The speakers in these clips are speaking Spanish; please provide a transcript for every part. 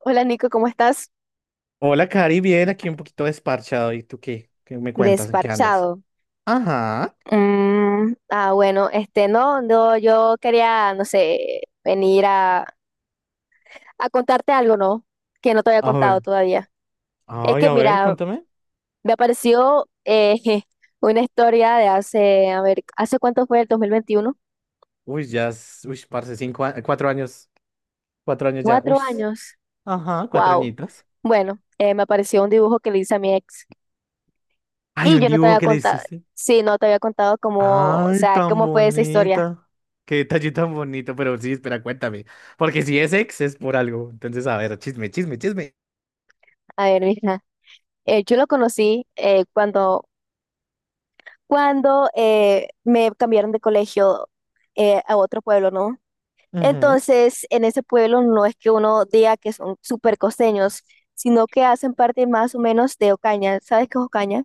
Hola Nico, ¿cómo estás? Hola, Cari, bien, aquí un poquito desparchado. ¿Y tú qué? ¿Qué me cuentas? ¿En qué andas? Desparchado. Ajá. Bueno, este, no, no, yo quería, no sé, venir a contarte algo, ¿no? Que no te había A contado ver. todavía. Es Ay, que, a ver, mira, cuéntame. me apareció una historia de hace, a ver, ¿hace cuánto fue el 2021, Uy, ya, uy, parce, cinco, cuatro años ya. Uy, 4 años. ajá, cuatro Wow. añitos. Bueno, me apareció un dibujo que le hice a mi ex Ay, y un yo no te dibujo había que le contado, hiciste. sí, no te había contado cómo, o Ay, sea, tan cómo fue esa historia. bonita. Qué detalle tan bonito, pero sí, espera, cuéntame. Porque si es ex, es por algo. Entonces, a ver, chisme, chisme, chisme. A ver, mira. Yo lo conocí cuando me cambiaron de colegio a otro pueblo, ¿no? Ujú. Entonces, en ese pueblo no es que uno diga que son súper costeños, sino que hacen parte más o menos de Ocaña. ¿Sabes qué es Ocaña?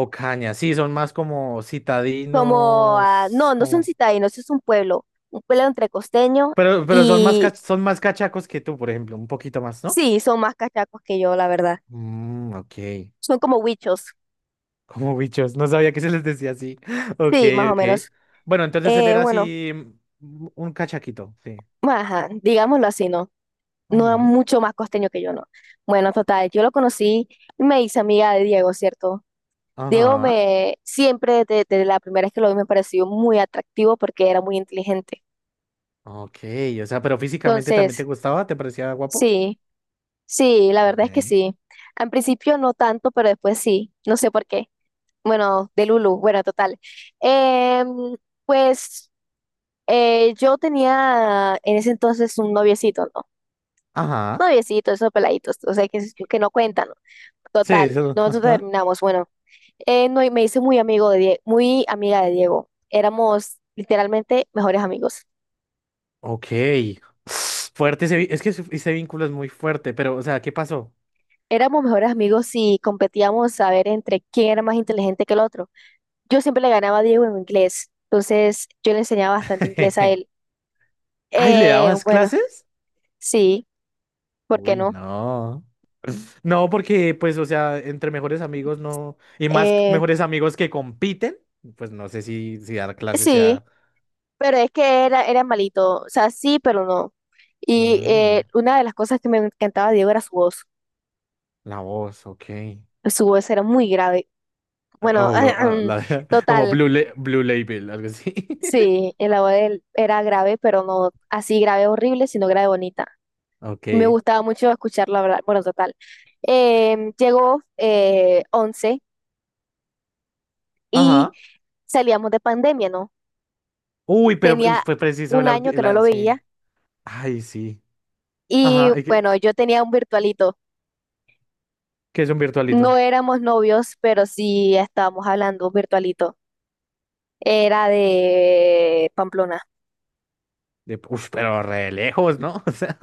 O caña, sí, son más como Como, citadinos, no, no son como. citadinos, es un pueblo entre costeño Pero y son más cachacos que tú, por ejemplo, un poquito más, ¿no? sí, son más cachacos que yo, la verdad. Mm, ok. Son como huichos, Como bichos, no sabía que se les decía así. Ok, sí, más o ok. menos. Bueno, entonces él era Bueno, así un cachaquito, sí. ajá, digámoslo así, ¿no? No era Ujú. mucho más costeño que yo, no. Bueno, total, yo lo conocí y me hice amiga de Diego, ¿cierto? Diego Ajá. me siempre, desde la primera vez que lo vi, me pareció muy atractivo porque era muy inteligente. Ok, o sea, pero físicamente también te Entonces, gustaba, te parecía guapo. sí, sí, la Ok. verdad es que sí. Al principio no tanto, pero después sí, no sé por qué. Bueno, de Lulu, bueno, total. Em, pues yo tenía en ese entonces un noviecito, ¿no? Ajá. Noviecito, esos peladitos, o sea, que no cuentan. ¿No? Sí, Total, eso. nosotros Ajá. terminamos. Bueno, no, y me hice muy amiga de Diego. Éramos literalmente mejores amigos. Ok. Fuerte ese, es que ese vínculo es muy fuerte, pero, o sea, ¿qué pasó? Éramos mejores amigos y competíamos a ver entre quién era más inteligente que el otro. Yo siempre le ganaba a Diego en inglés, entonces yo le enseñaba bastante inglés a él. Ay, ¿le dabas Bueno, clases? sí, ¿por qué Uy, no? no. No, porque pues, o sea, entre mejores amigos no, y más Eh, mejores amigos que compiten, pues no sé si dar clases sí, sea. pero es que era malito. O sea, sí, pero no. Y Mm, una de las cosas que me encantaba de Diego era su voz. la voz, ok. Su voz era muy grave. Bueno, Oh, como total. Blue, Blue Label, algo así. Sí, el la de él era grave, pero no así grave horrible, sino grave bonita. Me Ok. gustaba mucho escucharlo hablar. Bueno, total. Llegó 11 y Ajá. salíamos de pandemia, ¿no? Uy, pero fue Tenía fue preciso el, un audi- año que el no a- lo sí. veía Ay, sí. y Ajá. ¿Y ¿Qué, bueno, yo tenía un virtualito. qué es un No virtualito? éramos novios, pero sí estábamos hablando un virtualito. Era de Pamplona. Uf, pero re lejos, ¿no? O sea,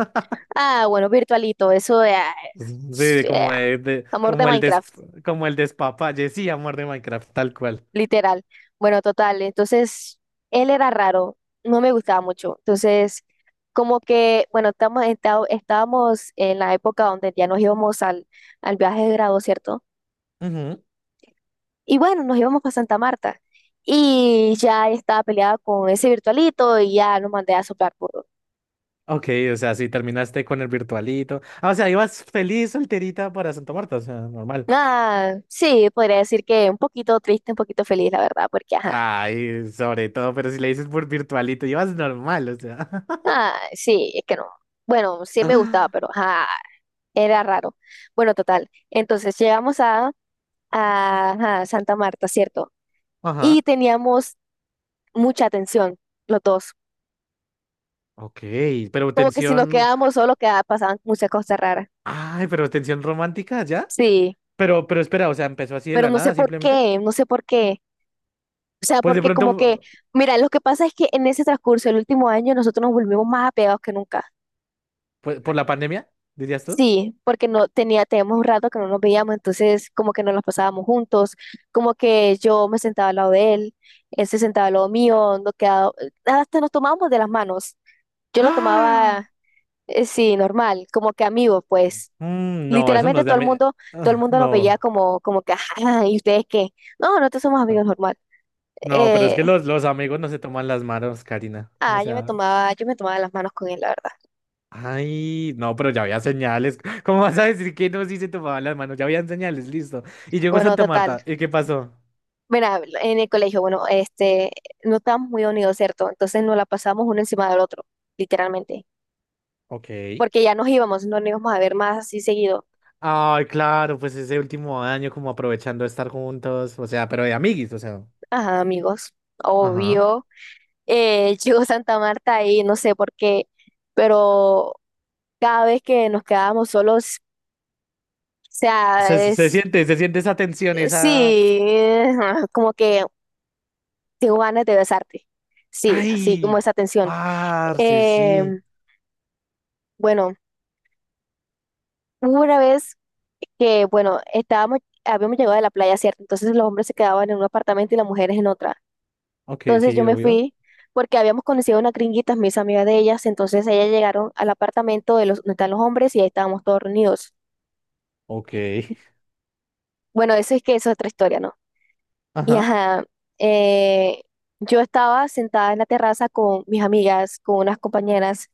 Ah, bueno, virtualito, eso de sí, eh, de- amor de como Minecraft. como el despapalle, sí, amor de Minecraft, tal cual. Literal. Bueno, total. Entonces, él era raro, no me gustaba mucho. Entonces, como que, bueno, estábamos en la época donde ya nos íbamos al viaje de grado, ¿cierto? Y bueno, nos íbamos para Santa Marta. Y ya estaba peleada con ese virtualito y ya nos mandé a soplar puro. Ok, o sea, si terminaste con el virtualito. Ah, o sea, ibas feliz solterita para Santa Marta, o sea, normal. Ah, sí, podría decir que un poquito triste, un poquito feliz, la verdad, porque, ajá. Ay, sobre todo, pero si le dices por virtualito, ibas normal, o sea. Ah, sí, es que no. Bueno, sí me gustaba, pero ajá, era raro. Bueno, total. Entonces llegamos a, ajá, Santa Marta, cierto. Y Ajá. teníamos mucha atención, los dos. Ok, pero Como que si nos tensión. quedábamos solos, quedaba, pasaban muchas cosas raras. Ay, pero tensión romántica, ¿ya? Sí, Pero espera, o sea, empezó así de pero la no sé nada, por simplemente. qué, no sé por qué. O sea, Pues de porque como que, pronto, mira, lo que pasa es que en ese transcurso del último año nosotros nos volvimos más apegados que nunca. pues, por la pandemia, dirías tú. Sí, porque no tenía, teníamos un rato que no nos veíamos, entonces como que nos las pasábamos juntos, como que yo me sentaba al lado de él, él se sentaba al lado mío, nos quedaba, hasta nos tomábamos de las manos. Yo lo tomaba. ¡Ah! Sí, normal, como que amigos, pues. No, eso no Literalmente es de todo el mundo, todo el Ah, mundo nos veía no. como, como que, ajá, ¿y ustedes qué? No, nosotros somos amigos normal. No, pero es Eh, que los amigos no se toman las manos, Karina. O yo me sea. tomaba, yo me tomaba las manos con él, la verdad. Ay, no, pero ya había señales. ¿Cómo vas a decir que no si se tomaban las manos? Ya habían señales, listo. Y llegó Bueno, Santa total. Marta. ¿Y qué pasó? Mira, en el colegio, bueno, este, no estábamos muy unidos, ¿cierto? Entonces nos la pasamos uno encima del otro, literalmente. Ok. Porque ya nos íbamos, no nos íbamos a ver más así seguido. Ay, claro, pues ese último año como aprovechando estar juntos, o sea, pero de amiguis, o sea. Ajá, amigos. Ajá. Obvio. Llegó Santa Marta y no sé por qué, pero cada vez que nos quedábamos solos, o sea, Se se- es, siente, se siente esa tensión, sí, esa. Como que tengo ganas de besarte. Sí, así como Ay, esa tensión. parce, Eh, sí. bueno, hubo una vez que, bueno, habíamos llegado de la playa, ¿cierto? Entonces los hombres se quedaban en un apartamento y las mujeres en otra. Ok, Entonces yo sí, me obvio. fui porque habíamos conocido a unas gringuitas, mis amigas de ellas, entonces ellas llegaron al apartamento de los, donde están los hombres y ahí estábamos todos reunidos. Ok. Bueno, eso es que eso es otra historia, ¿no? Y ajá, eh, yo estaba sentada en la terraza con mis amigas, con unas compañeras,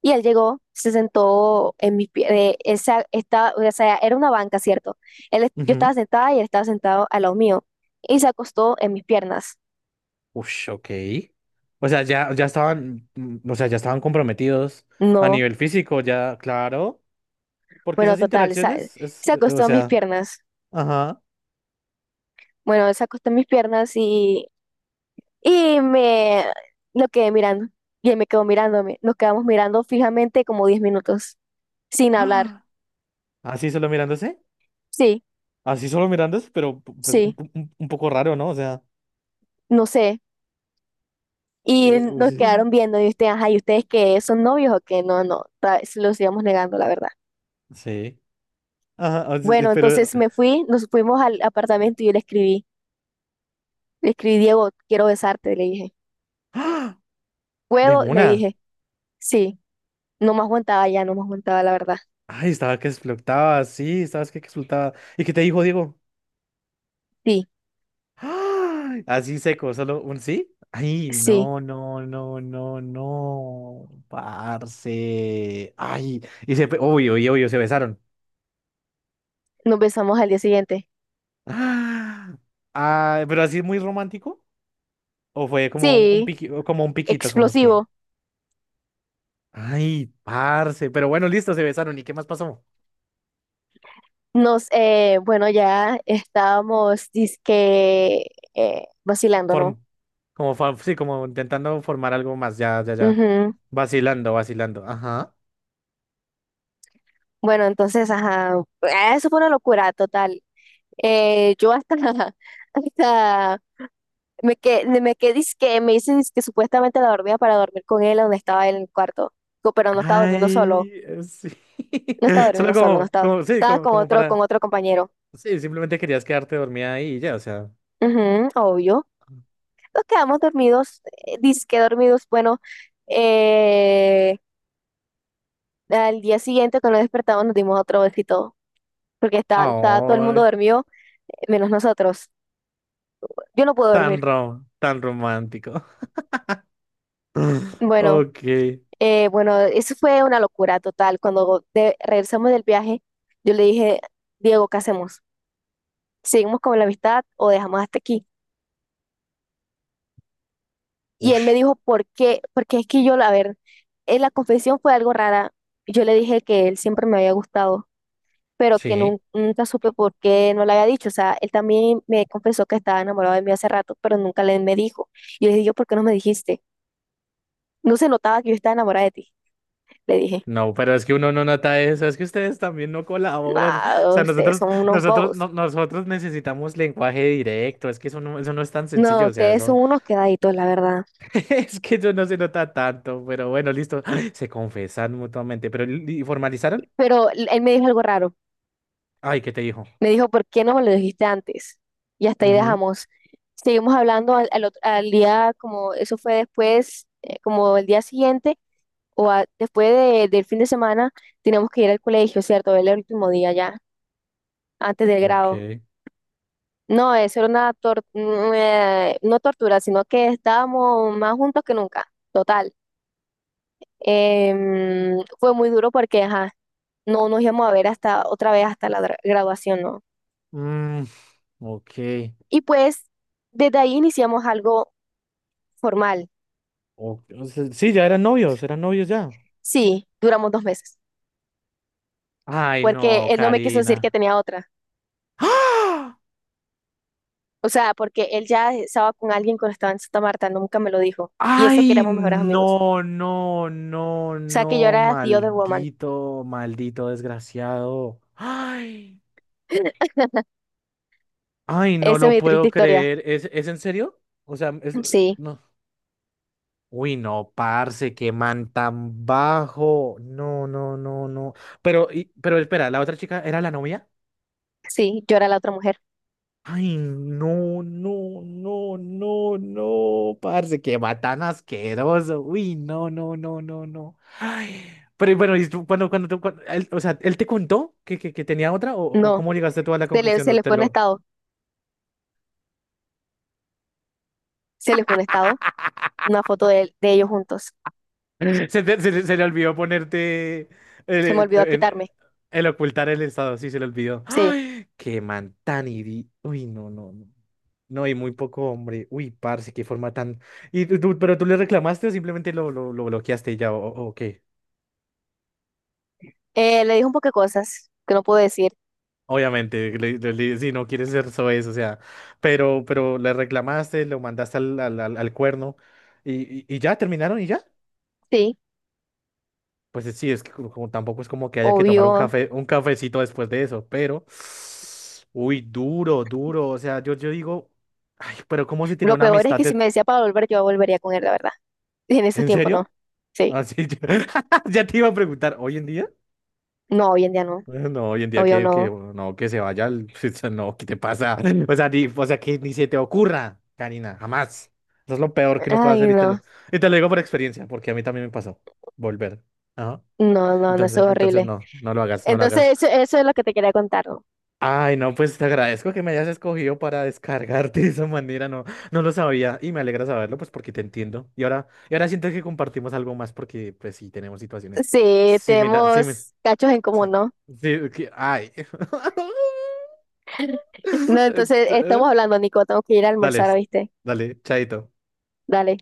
y él llegó, se sentó en mis piernas, o sea, era una banca, ¿cierto? Él, yo Ajá. estaba sentada y él estaba sentado al lado mío, y se acostó en mis piernas. Ush, ok. O sea, ya estaban, o sea, ya estaban comprometidos a No, nivel físico, ya, claro. Porque bueno, esas total, ¿sabes? interacciones es, Se o acostó en mis sea, piernas. ajá. Bueno, él se acostó en mis piernas y me lo quedé mirando, y él me quedó mirándome. Nos quedamos mirando fijamente como 10 minutos, sin hablar. ¡Ah! Así solo mirándose, Sí. así solo mirándose, pero pues Sí, poco raro, ¿no? O sea, no sé. Y uy, nos sí. quedaron viendo y ustedes, ajá, ¿y ustedes qué son novios o qué? No, no, se los íbamos negando, la verdad. Sí. Ajá, o sea, Bueno, pero. entonces me fui, nos fuimos al apartamento y yo le escribí. Le escribí, Diego, quiero besarte, le dije. ¡Ah! De ¿Puedo? Le una. dije. Sí, no me aguantaba ya, no me aguantaba, la verdad. Ay, estaba que explotaba, sí, estabas que explotaba. ¿Y qué te dijo Diego? Sí, Ah, así seco, solo un sí. Ay, sí, no, no, no, no, no. Parce. Ay, obvio, obvio, obvio, se besaron. nos besamos al día siguiente. ¡Ah! Ah, pero así muy romántico. O fue como Sí, o como un piquito, como que. explosivo. Ay, parce. Pero bueno, listo, se besaron. ¿Y qué más pasó? Bueno, ya estábamos, dizque, vacilando, ¿no? Form, Como, sí, como intentando formar algo más. Ya, ya, ya. Ujú. Vacilando, vacilando. Ajá. Bueno, entonces, ajá, eso fue una locura total. Yo hasta, hasta me quedé, que me dicen que supuestamente la dormía para dormir con él donde estaba él en el cuarto, pero Ay, sí. no estaba Solo durmiendo solo, no como, estaba, como, sí, estaba como, con como otro, para. Compañero. Sí, simplemente querías quedarte dormida ahí y ya, o sea. Ujú, obvio. Nos quedamos dormidos, dizque dormidos, bueno, eh, al día siguiente cuando nos despertamos nos dimos otro besito, porque estaba todo el Oh, mundo dormido, menos nosotros. Yo no puedo tan dormir. Tan romántico. Bueno. Ok. Bueno, eso fue una locura total. Cuando regresamos del viaje, yo le dije, Diego, ¿qué hacemos? ¿Seguimos con la amistad o dejamos hasta aquí? Y él me Ush, dijo, ¿por qué? Porque es que yo, a ver, en la confesión fue algo rara. Yo le dije que él siempre me había gustado, pero que sí. Nunca supe por qué no le había dicho. O sea, él también me confesó que estaba enamorado de mí hace rato, pero nunca le me dijo. Y le dije, yo ¿por qué no me dijiste? No se notaba que yo estaba enamorada de ti, le dije. No, pero es que uno no nota eso, es que ustedes también no colaboran. O No, sea, ustedes nosotros, son unos nosotros, bobos. no- nosotros necesitamos lenguaje directo, es que eso no es tan No, sencillo, o sea, ustedes son eso. unos quedaditos, la verdad. Es que eso no se nota tanto, pero bueno, listo. Se confesan mutuamente, pero ¿y formalizaron? Pero él me dijo algo raro. Ay, ¿qué te dijo? Me dijo, ¿por qué no me lo dijiste antes? Y hasta ahí Ujú, dejamos. Seguimos hablando al día, como eso fue después, como el día siguiente o después del fin de semana, teníamos que ir al colegio, ¿cierto? Era el último día ya, antes del grado. ok. No, eso era una no tortura, sino que estábamos más juntos que nunca. Total. Fue muy duro porque, ajá, no nos íbamos a ver hasta otra vez hasta la graduación, ¿no? Mm, ok. Y pues desde ahí iniciamos algo formal. O sea, sí, ya eran novios ya. Sí, duramos 2 meses, Ay, porque no, él no me quiso decir que Karina. tenía otra. ¡Ah! O sea, porque él ya estaba con alguien cuando estaba en Santa Marta, nunca me lo dijo. Y eso que Ay, éramos mejores amigos. no, no, no, O sea, que yo no, era tío de woman. maldito, maldito desgraciado. Ay, ay, no Esa es lo mi triste puedo historia. creer. ¿Es en serio? O sea, Sí, no. Uy, no, parce, qué man tan bajo. No, no, no, no. Pero espera, ¿la otra chica era la novia? sí, yo era la otra mujer. Ay, no, no, no, no, no, parce, que va tan asqueroso. Uy, no, no, no, no, no. Ay, pero bueno, y tú, o sea, ¿él te contó que tenía otra o No, cómo llegaste tú a la conclusión? se ¿O le te fue un lo? estado, se le fue un estado, una foto de ellos juntos. Se le olvidó ponerte Se me el, olvidó en- quitarme. el ocultar el estado, sí, se le olvidó. Sí. ¡Ay! Qué man tan. Uy, no, no, no. No, y muy poco hombre. Uy, parce, qué forma tan. ¿Y tú, pero tú le reclamaste o simplemente lo bloqueaste y ya, o qué? Le dije un poco de cosas que no pude decir. Obviamente, si no quieres ser soez, o sea, pero le reclamaste, lo mandaste al cuerno y, y ya terminaron y ya. Sí, Pues sí, es que como tampoco es como que haya que tomar obvio. Un cafecito después de eso, pero. Uy, duro, duro. O sea, yo digo, ay, pero ¿cómo se tiene Lo una peor es amistad que si de? me decía para volver, yo volvería con él, la verdad. Y en esos ¿En tiempos no. serio? Sí. Así. Ya te iba a preguntar, ¿hoy en día? No, hoy en día no. No, hoy en día Obvio que no. no, que se vaya o sea, no, ¿qué te pasa? O sea, ni, o sea, que ni se te ocurra, Karina, jamás. Eso es lo peor que uno puede Ay, hacer y te no. lo, y te lo digo por experiencia, porque a mí también me pasó. Volver. Ajá. No, no, no, eso Entonces, es entonces horrible. no lo hagas, no lo Entonces, hagas. Eso es lo que te quería contar, ¿no? Ay, no, pues te agradezco que me hayas escogido para descargarte de esa manera, no, no lo sabía y me alegra saberlo, pues porque te entiendo. Y ahora siento que compartimos algo más porque, pues sí, tenemos situaciones Sí, similares, sí, tenemos cachos en sí, común, ¿no? sí, ay. No, entonces, estamos hablando, Nico. Tengo que ir a Dale, almorzar, ¿viste? dale, chaito. Dale.